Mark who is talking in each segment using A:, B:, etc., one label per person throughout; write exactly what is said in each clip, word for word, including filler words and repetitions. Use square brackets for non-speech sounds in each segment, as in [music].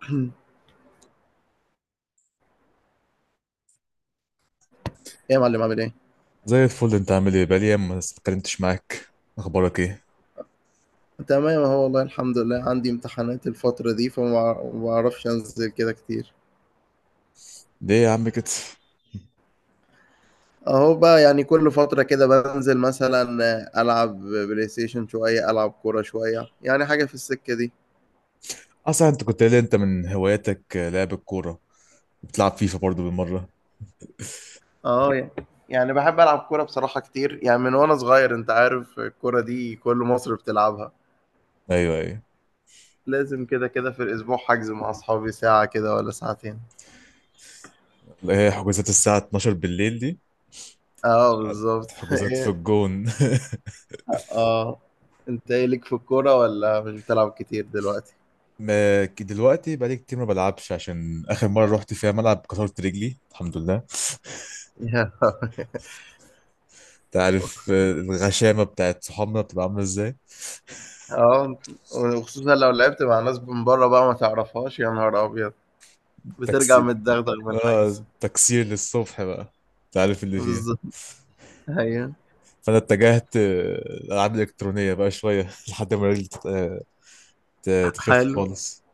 A: [clears throat] يا معلم، عامل ايه؟
B: زي الفل، انت عامل ايه؟ بقالي ايام ما اتكلمتش معاك. اخبارك ايه؟
A: تمام اهو، والله الحمد لله. عندي امتحانات الفترة دي، فما ما بعرفش انزل كده كتير.
B: ليه يا عم كده؟
A: اهو بقى، يعني كل فترة كده بنزل مثلا، العب بلاي ستيشن شوية، العب كورة شوية، يعني حاجة في السكة دي.
B: اصلا انت كنت قايل لي انت من هواياتك لعب الكوره. بتلعب فيفا برضو بالمره؟
A: اه، يعني يعني بحب العب كورة بصراحة كتير، يعني من وانا صغير. انت عارف الكورة دي كل مصر بتلعبها.
B: ايوه، ايوه.
A: لازم كده كده في الاسبوع حجز مع اصحابي ساعة كده ولا ساعتين.
B: اللي هي حجوزات الساعه اثناشر بالليل دي،
A: اه بالظبط.
B: حجوزات في
A: [laughs]
B: الجون.
A: اه. انت ايه ليك في الكورة، ولا مش بتلعب كتير دلوقتي؟
B: [laughs] ما ك- دلوقتي بقالي كتير ما بلعبش، عشان اخر مره رحت فيها ملعب كسرت رجلي الحمد لله.
A: [laughs] يا لهوي.
B: انت عارف آه، الغشامه بتاعت صحابنا بتبقى عامله ازاي.
A: اه. وخصوصا لو لعبت مع ناس من بره بقى ما تعرفهاش، يا نهار ابيض، بترجع
B: تكسير.
A: متدغدغ من الحجز.
B: اه، تكسير للصبح بقى. انت عارف اللي فيها.
A: بالظبط. ايوه.
B: فانا اتجهت آه، الالعاب الالكترونيه بقى شويه [laughs] لحد ما رجلي تت- آه، ت- تخف
A: حلو،
B: خالص.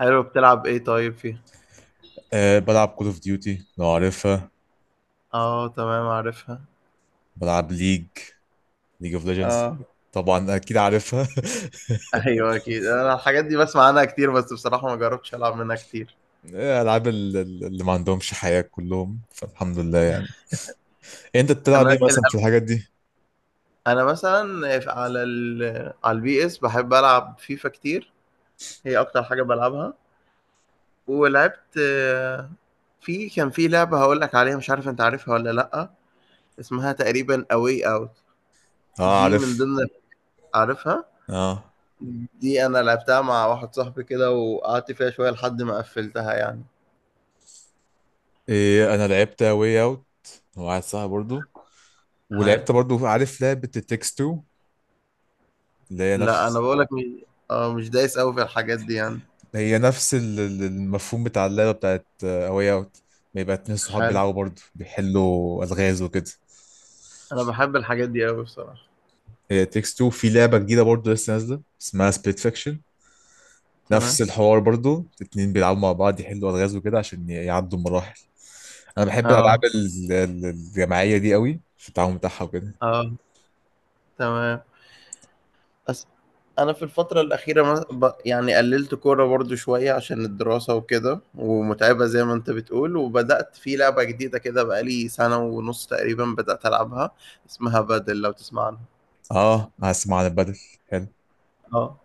A: حلو. بتلعب ايه طيب فيها؟
B: آه، بلعب كول اوف ديوتي لو عارفها.
A: اه تمام، عارفها.
B: بلعب ليج ليج اوف ليجندز.
A: اه.
B: طبعا اكيد عارفها.
A: ايوه اكيد، انا الحاجات دي بسمع عنها كتير، بس بصراحة ما جربتش العب منها كتير.
B: [laughs] آه، العاب ال- ال- اللي ما عندهمش حياه كلهم، فالحمد لله يعني. انت بتلعب
A: انا
B: ايه
A: ال-
B: مثلا في الحاجات دي؟
A: انا مثلا، على ال... على البي اس بحب العب فيفا كتير، هي اكتر حاجة بلعبها. ولعبت، آه، في كان في لعبة هقول لك عليها، مش عارف انت عارفها ولا لأ، اسمها تقريبا اواي اوت.
B: اه،
A: دي من
B: عارف.
A: ضمن عارفها.
B: اه.
A: دي انا لعبتها مع واحد صاحبي كده، وقعدت فيها شوية لحد ما قفلتها يعني.
B: إيه، انا لعبت واي اوت وواحد صاحبي برضو،
A: حلو.
B: ولعبت برضو عارف لعبه التكست اتنين، اللي هي
A: لا انا
B: نفس.
A: بقول لك، مش اه مش دايس قوي في الحاجات دي يعني.
B: هي نفس ال- ال- المفهوم بتاع اللعبة بتاعت أواي أوت. بيبقى اتنين صحاب
A: حلو.
B: بيلعبوا برضه، بيحلوا ألغاز وكده.
A: انا بحب الحاجات دي قوي بصراحة.
B: هي تيكس اتنين في لعبة جديدة برضه لسه نازلة، اسمها سبيت فيكشن. نفس
A: تمام.
B: الحوار برضه، اتنين بيلعبوا مع بعض يحلوا ألغاز وكده عشان ي- يعدوا المراحل. أنا بحب الألعاب
A: اه
B: ال- ال- الجماعية دي قوي، في التعاون بتاعها وكده.
A: اه. تمام. بس، انا في الفتره الاخيره مس- ب- يعني قللت كوره برضو شويه عشان الدراسه وكده ومتعبه زي ما انت بتقول، وبدات في لعبه جديده كده بقالي سنه ونص تقريبا بدات العبها، اسمها بادل، لو تسمع عنها.
B: اه هسمع عن البدل، حلو.
A: اه.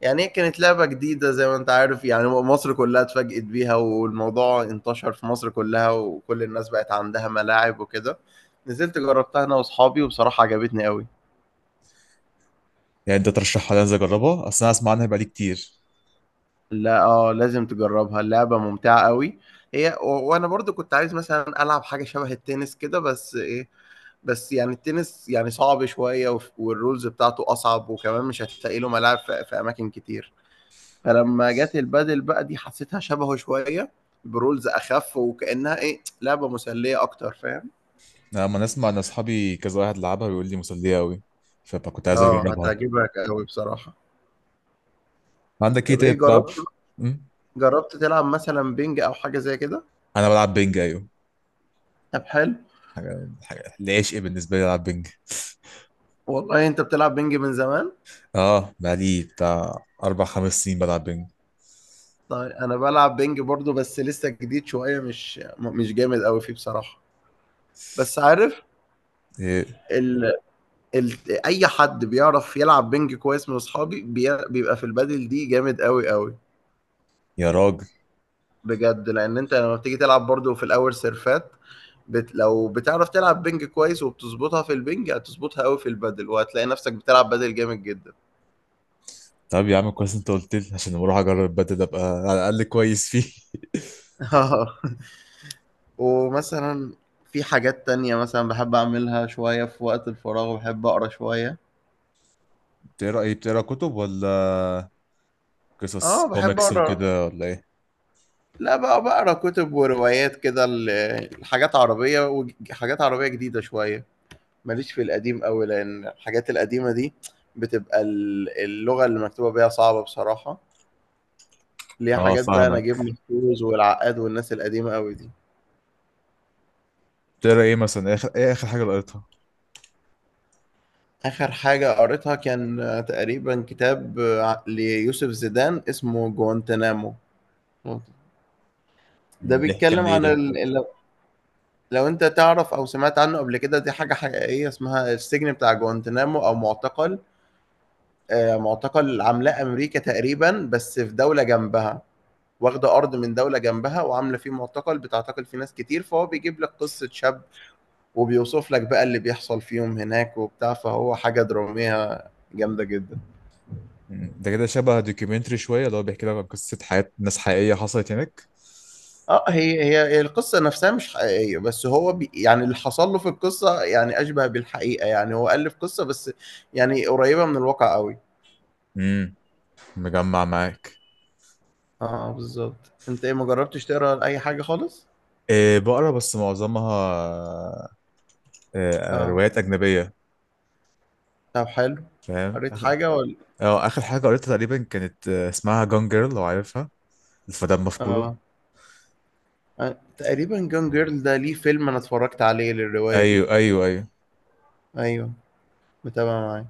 A: يعني هي كانت لعبه جديده، زي ما انت عارف يعني مصر كلها اتفاجئت بيها والموضوع انتشر في مصر كلها، وكل الناس بقت عندها ملاعب وكده. نزلت جربتها انا واصحابي، وبصراحه عجبتني قوي.
B: يعني انت ترشحها لي انزل اجربها؟ اصل انا اسمع عنها بقالي كتير.
A: لا اه، لازم تجربها، اللعبة ممتعة قوي. هي و- وانا برضو كنت عايز مثلا العب حاجة شبه التنس كده، بس ايه، بس يعني التنس يعني صعب شوية، وف- والرولز بتاعته أصعب، وكمان مش هتلاقي له ملاعب في، في أماكن كتير. فلما جت البادل بقى دي، حسيتها شبهه شوية، برولز أخف، وكأنها إيه لعبة مسلية أكتر، فاهم؟
B: لما نسمع ان اصحابي كذا واحد لعبها بيقول لي مسليه قوي، فكنت عايز
A: آه
B: اجربها.
A: هتعجبك أوي بصراحة.
B: عندك ايه
A: طب
B: تاني
A: إيه
B: بتلعب؟
A: جربت،
B: أمم؟
A: جربت تلعب مثلا بينج أو حاجة زي كده؟
B: انا بلعب بينج، ايوه.
A: طب حلو.
B: حاجه حاجه العشق بالنسبه لي العب بينج.
A: والله أنت بتلعب بينج من زمان؟
B: اه بقالي بتاع اربع خمس سنين بلعب بينج.
A: طيب انا بلعب بينج برضو، بس لسه جديد شويه، مش مش جامد قوي فيه بصراحه. بس عارف،
B: إيه؟
A: ال... ال... اي حد بيعرف يلعب بينج كويس من اصحابي بي... بيبقى في البادل دي جامد قوي قوي.
B: يا راجل.
A: بجد، لان انت لما بتيجي تلعب برضو في الاول سيرفات، بت... لو بتعرف تلعب بينج كويس وبتظبطها في البينج، هتظبطها قوي في البادل، وهتلاقي نفسك بتلعب بادل جامد جدا.
B: طب يا عم، كويس انت قلت لي، عشان لما اروح اجرب بدل ابقى على الاقل كويس فيه.
A: [laughs] آه. ومثلا في حاجات تانية مثلا بحب أعملها شوية في وقت الفراغ، بحب أقرأ شوية.
B: [laughs] بتقرا ايه؟ بتقرا كتب ولا قصص
A: اه باحب
B: كوميكس
A: اقرا.
B: وكده ولا ايه؟
A: لأ بقى، باقرا كتب وروايات كده، ل لحاجات عربية وج حاجات عربية جديدة شوية، ماليش في القديم أوي، لأن الحاجات القديمة دي بتبقى ال اللغة اللي مكتوبة بيها صعبة بصراحة، اللي هي
B: اه،
A: حاجات بقى نجيب
B: فاهمك.
A: محفوظ والعقاد والناس القديمة أوي دي.
B: بتقرا ايه مثلا؟ اخر ايه اخر حاجه قريتها؟
A: آخر حاجة قريتها كان تقريبًا كتاب ع ليوسف زيدان اسمه جوانتانامو. ده
B: أمم، بيحكي عن
A: بيتكلم
B: ايه
A: عن
B: ده؟
A: ال ال لو أنت تعرف أو سمعت عنه قبل كده، دي حاجة حقيقية اسمها السجن بتاع جوانتانامو أو معتقل. آآ، معتقل عاملاه أمريكا تقريبًا، بس في دولة جنبها، واخدة أرض من دولة جنبها وعاملة فيه معتقل بتعتقل فيه ناس كتير، فهو بيجيب لك قصة شاب وبيوصف لك بقى اللي بيحصل فيهم هناك وبتاع، فهو حاجة درامية جامدة جدًا.
B: مم. ده كده شبه دوكيومنتري شوية، اللي هو بيحكي لك عن قصة حياة ناس حقيقية حصلت هناك؟
A: آه، هي هي هي القصة نفسها مش حقيقية، بس هو ب يعني اللي حصل له في القصة يعني أشبه بالحقيقة، يعني هو ألِّف قصة بس يعني قريبة من الواقع أوي.
B: امم. مجمع معاك.
A: اه آه، بالظبط. انت ايه، ما جربتش تقرا اي حاجه خالص؟
B: إيه، بقرا بس معظمها إيه،
A: اه.
B: روايات أجنبية،
A: طب حلو.
B: فاهم؟ [laughs]
A: قريت
B: آخر-
A: حاجه ولا؟
B: اه، آخر حاجة قريتها تقريبا كانت آه، اسمها جون جيرل لو عارفها، الفتاة مفقودة.
A: اه، آه، تقريبا جون جيرل ده ليه فيلم انا اتفرجت عليه للروايه دي.
B: ايوه، ايوه، ايوه.
A: ايوه، متابع معاك.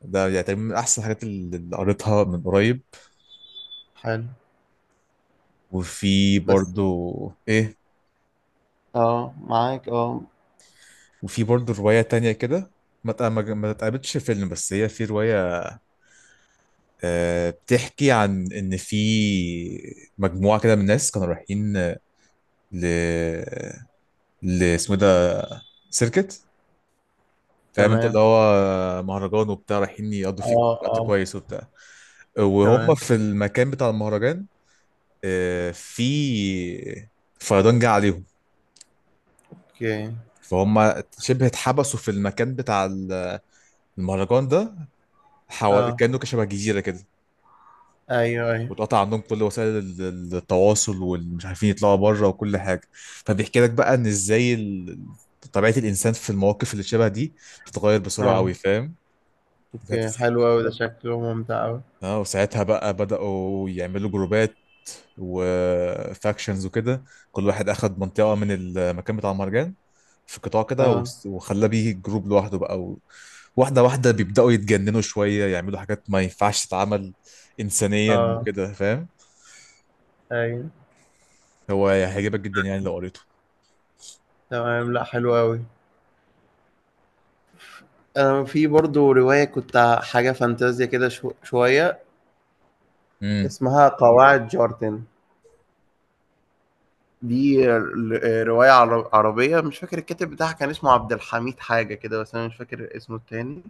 B: ده يعني تقريبا من احسن الحاجات اللي اللي قريتها من قريب.
A: حلو.
B: وفي
A: بس
B: برضو. ايه؟
A: اه معاك اه.
B: وفي برضو رواية تانية كده ما تق- ما- ما اتقابلتش فيلم، بس هي في رواية. آه، بتحكي عن ان في مجموعه كده من الناس كانوا رايحين ل ل اسمه إيه ده، سيركت، فاهم انت؟ اللي
A: تمام.
B: هو مهرجان وبتاع، رايحين يقضوا فيه
A: اه
B: وقت
A: اه.
B: كويس وبتاع. وهم
A: تمام.
B: في المكان بتاع المهرجان، آه، في فيضان جه عليهم.
A: اوكي.
B: فهم شبه اتحبسوا في المكان بتاع المهرجان ده. حو...
A: اه
B: كانوا كشبه جزيره كده.
A: ايوه ايوه.
B: واتقطع عندهم كل وسائل ال- ال- التواصل، والمش عارفين يطلعوا بره وكل حاجه. فبيحكي لك بقى ان ازاي ال- طبيعه الانسان في المواقف اللي شبه دي بتتغير بسرعه
A: اه.
B: قوي، فاهم؟
A: اوكي
B: ساعتها-
A: حلو قوي، ده شكله ممتع قوي.
B: اه، وساعتها بقى بداوا يعملوا جروبات وفاكشنز وكده. كل واحد اخد منطقه من المكان بتاع المهرجان، في قطاع كده،
A: اه
B: وس- وخلى بيه جروب لوحده بقى. و... واحده واحده بيبداوا يتجننوا شويه، يعملوا حاجات ما ينفعش تتعمل انسانيا
A: اه
B: وكده، فاهم؟
A: ايوه.
B: هو هيعجبك جدا يعني لو قريته.
A: تمام، لا حلو قوي. آه، في برضو رواية كنت حاجة فانتازيا كده شو شوية،
B: امم.
A: اسمها قواعد جارتن. دي ر- آه، رواية عر- عربية، مش فاكر الكاتب بتاعها كان اسمه عبد الحميد حاجة كده، بس أنا مش فاكر اسمه التاني.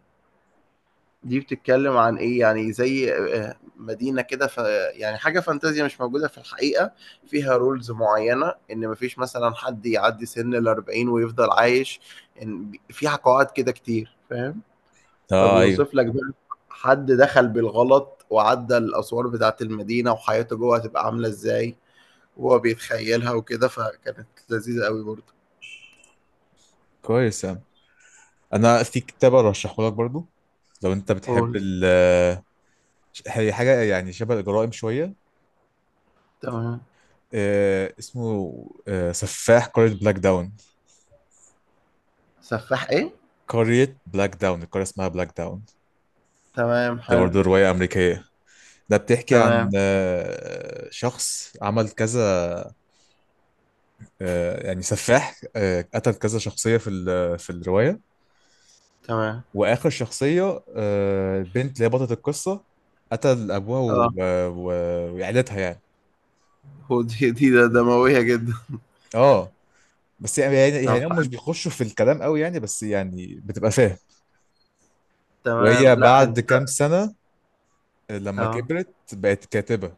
A: دي بتتكلم عن إيه، يعني زي آه، مدينة كده ف، يعني حاجة فانتازيا مش موجودة في الحقيقة، فيها رولز معينة إن مفيش مثلا حد يعدي سن الأربعين ويفضل عايش، إن فيها قواعد كده كتير، فاهم.
B: اه. ايوه.
A: فبيوصف لك بقى حد دخل بالغلط وعدى الأسوار بتاعة المدينة، وحياته جوه هتبقى عاملة إزاي وهو بيتخيلها وكده، فكانت لذيذة أوي برضه.
B: كويس يا عم. انا في كتاب ارشحه لك برضو لو انت بتحب
A: قول.
B: ال. هي حاجه يعني شبه الجرائم شويه.
A: تمام.
B: آه، اسمه آه، سفاح قريه بلاك داون.
A: سفاح إيه؟
B: قريه بلاك داون، القريه اسمها بلاك داون.
A: تمام
B: دي
A: حلو.
B: برضو روايه امريكيه. ده بتحكي عن
A: تمام.
B: آه، شخص عمل كذا آه، يعني سفاح آه، قتل كذا شخصيه في ال- في الروايه.
A: تمام.
B: واخر شخصيه آه، البنت اللي هي بطله القصه، قتل ابوها و-
A: آه
B: و- وعيلتها يعني.
A: هو دي دي ده دموية جدا.
B: اه. بس يعني يعني
A: طب
B: يعني هم مش
A: حلو.
B: بيخشوا في الكلام قوي يعني، بس يعني بتبقى فاهم.
A: تمام،
B: وهي
A: لأ أنت.
B: بعد كام سنة لما
A: آه
B: كبرت بقت كاتبة،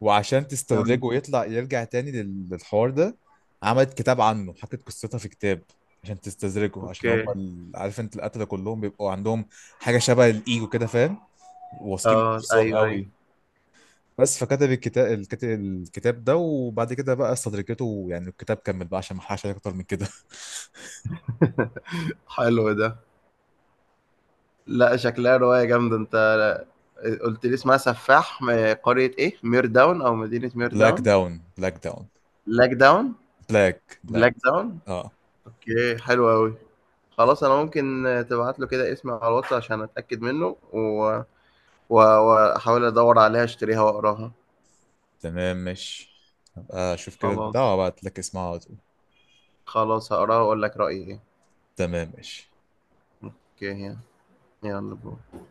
B: وعشان
A: تمام.
B: تستدرجه ويطلع يرجع تاني لل- للحوار ده، عملت كتاب عنه، حكت قصتها في كتاب عشان تستدرجه. عشان هم
A: أوكي.
B: ال- عارف انت، القتلة كلهم بيبقوا عندهم حاجة شبه الإيجو كده، فاهم؟ واثقين من
A: آه
B: نفسهم
A: أيوه أيوه.
B: قوي. بس فكتب الكتاب الكتاب الكتاب ده، وبعد كده بقى استدرجته، يعني الكتاب كمل بقى عشان ما احرقش عليك اكتر من كده.
A: حلو ده. لأ شكلها رواية جامدة، أنت قلت لي اسمها سفاح من قرية إيه؟ مير داون أو مدينة
B: [laughs]
A: مير
B: بلاك
A: داون.
B: داون، بلاك داون.
A: بلاك داون.
B: بلاك بلاك
A: بلاك داون.
B: اه.
A: اوكي حلو قوي. خلاص انا ممكن تبعت له كده اسمي على الواتس عشان اتاكد منه، و- و- واحاول ادور عليها، اشتريها واقراها.
B: تمام ماشي. هبقى اشوف كده البتاع
A: خلاص.
B: وابعت لك اسمها على طول.
A: خلاص هقراها واقول لك رايي ايه.
B: تمام ماشي.
A: اوكي. يلا باي.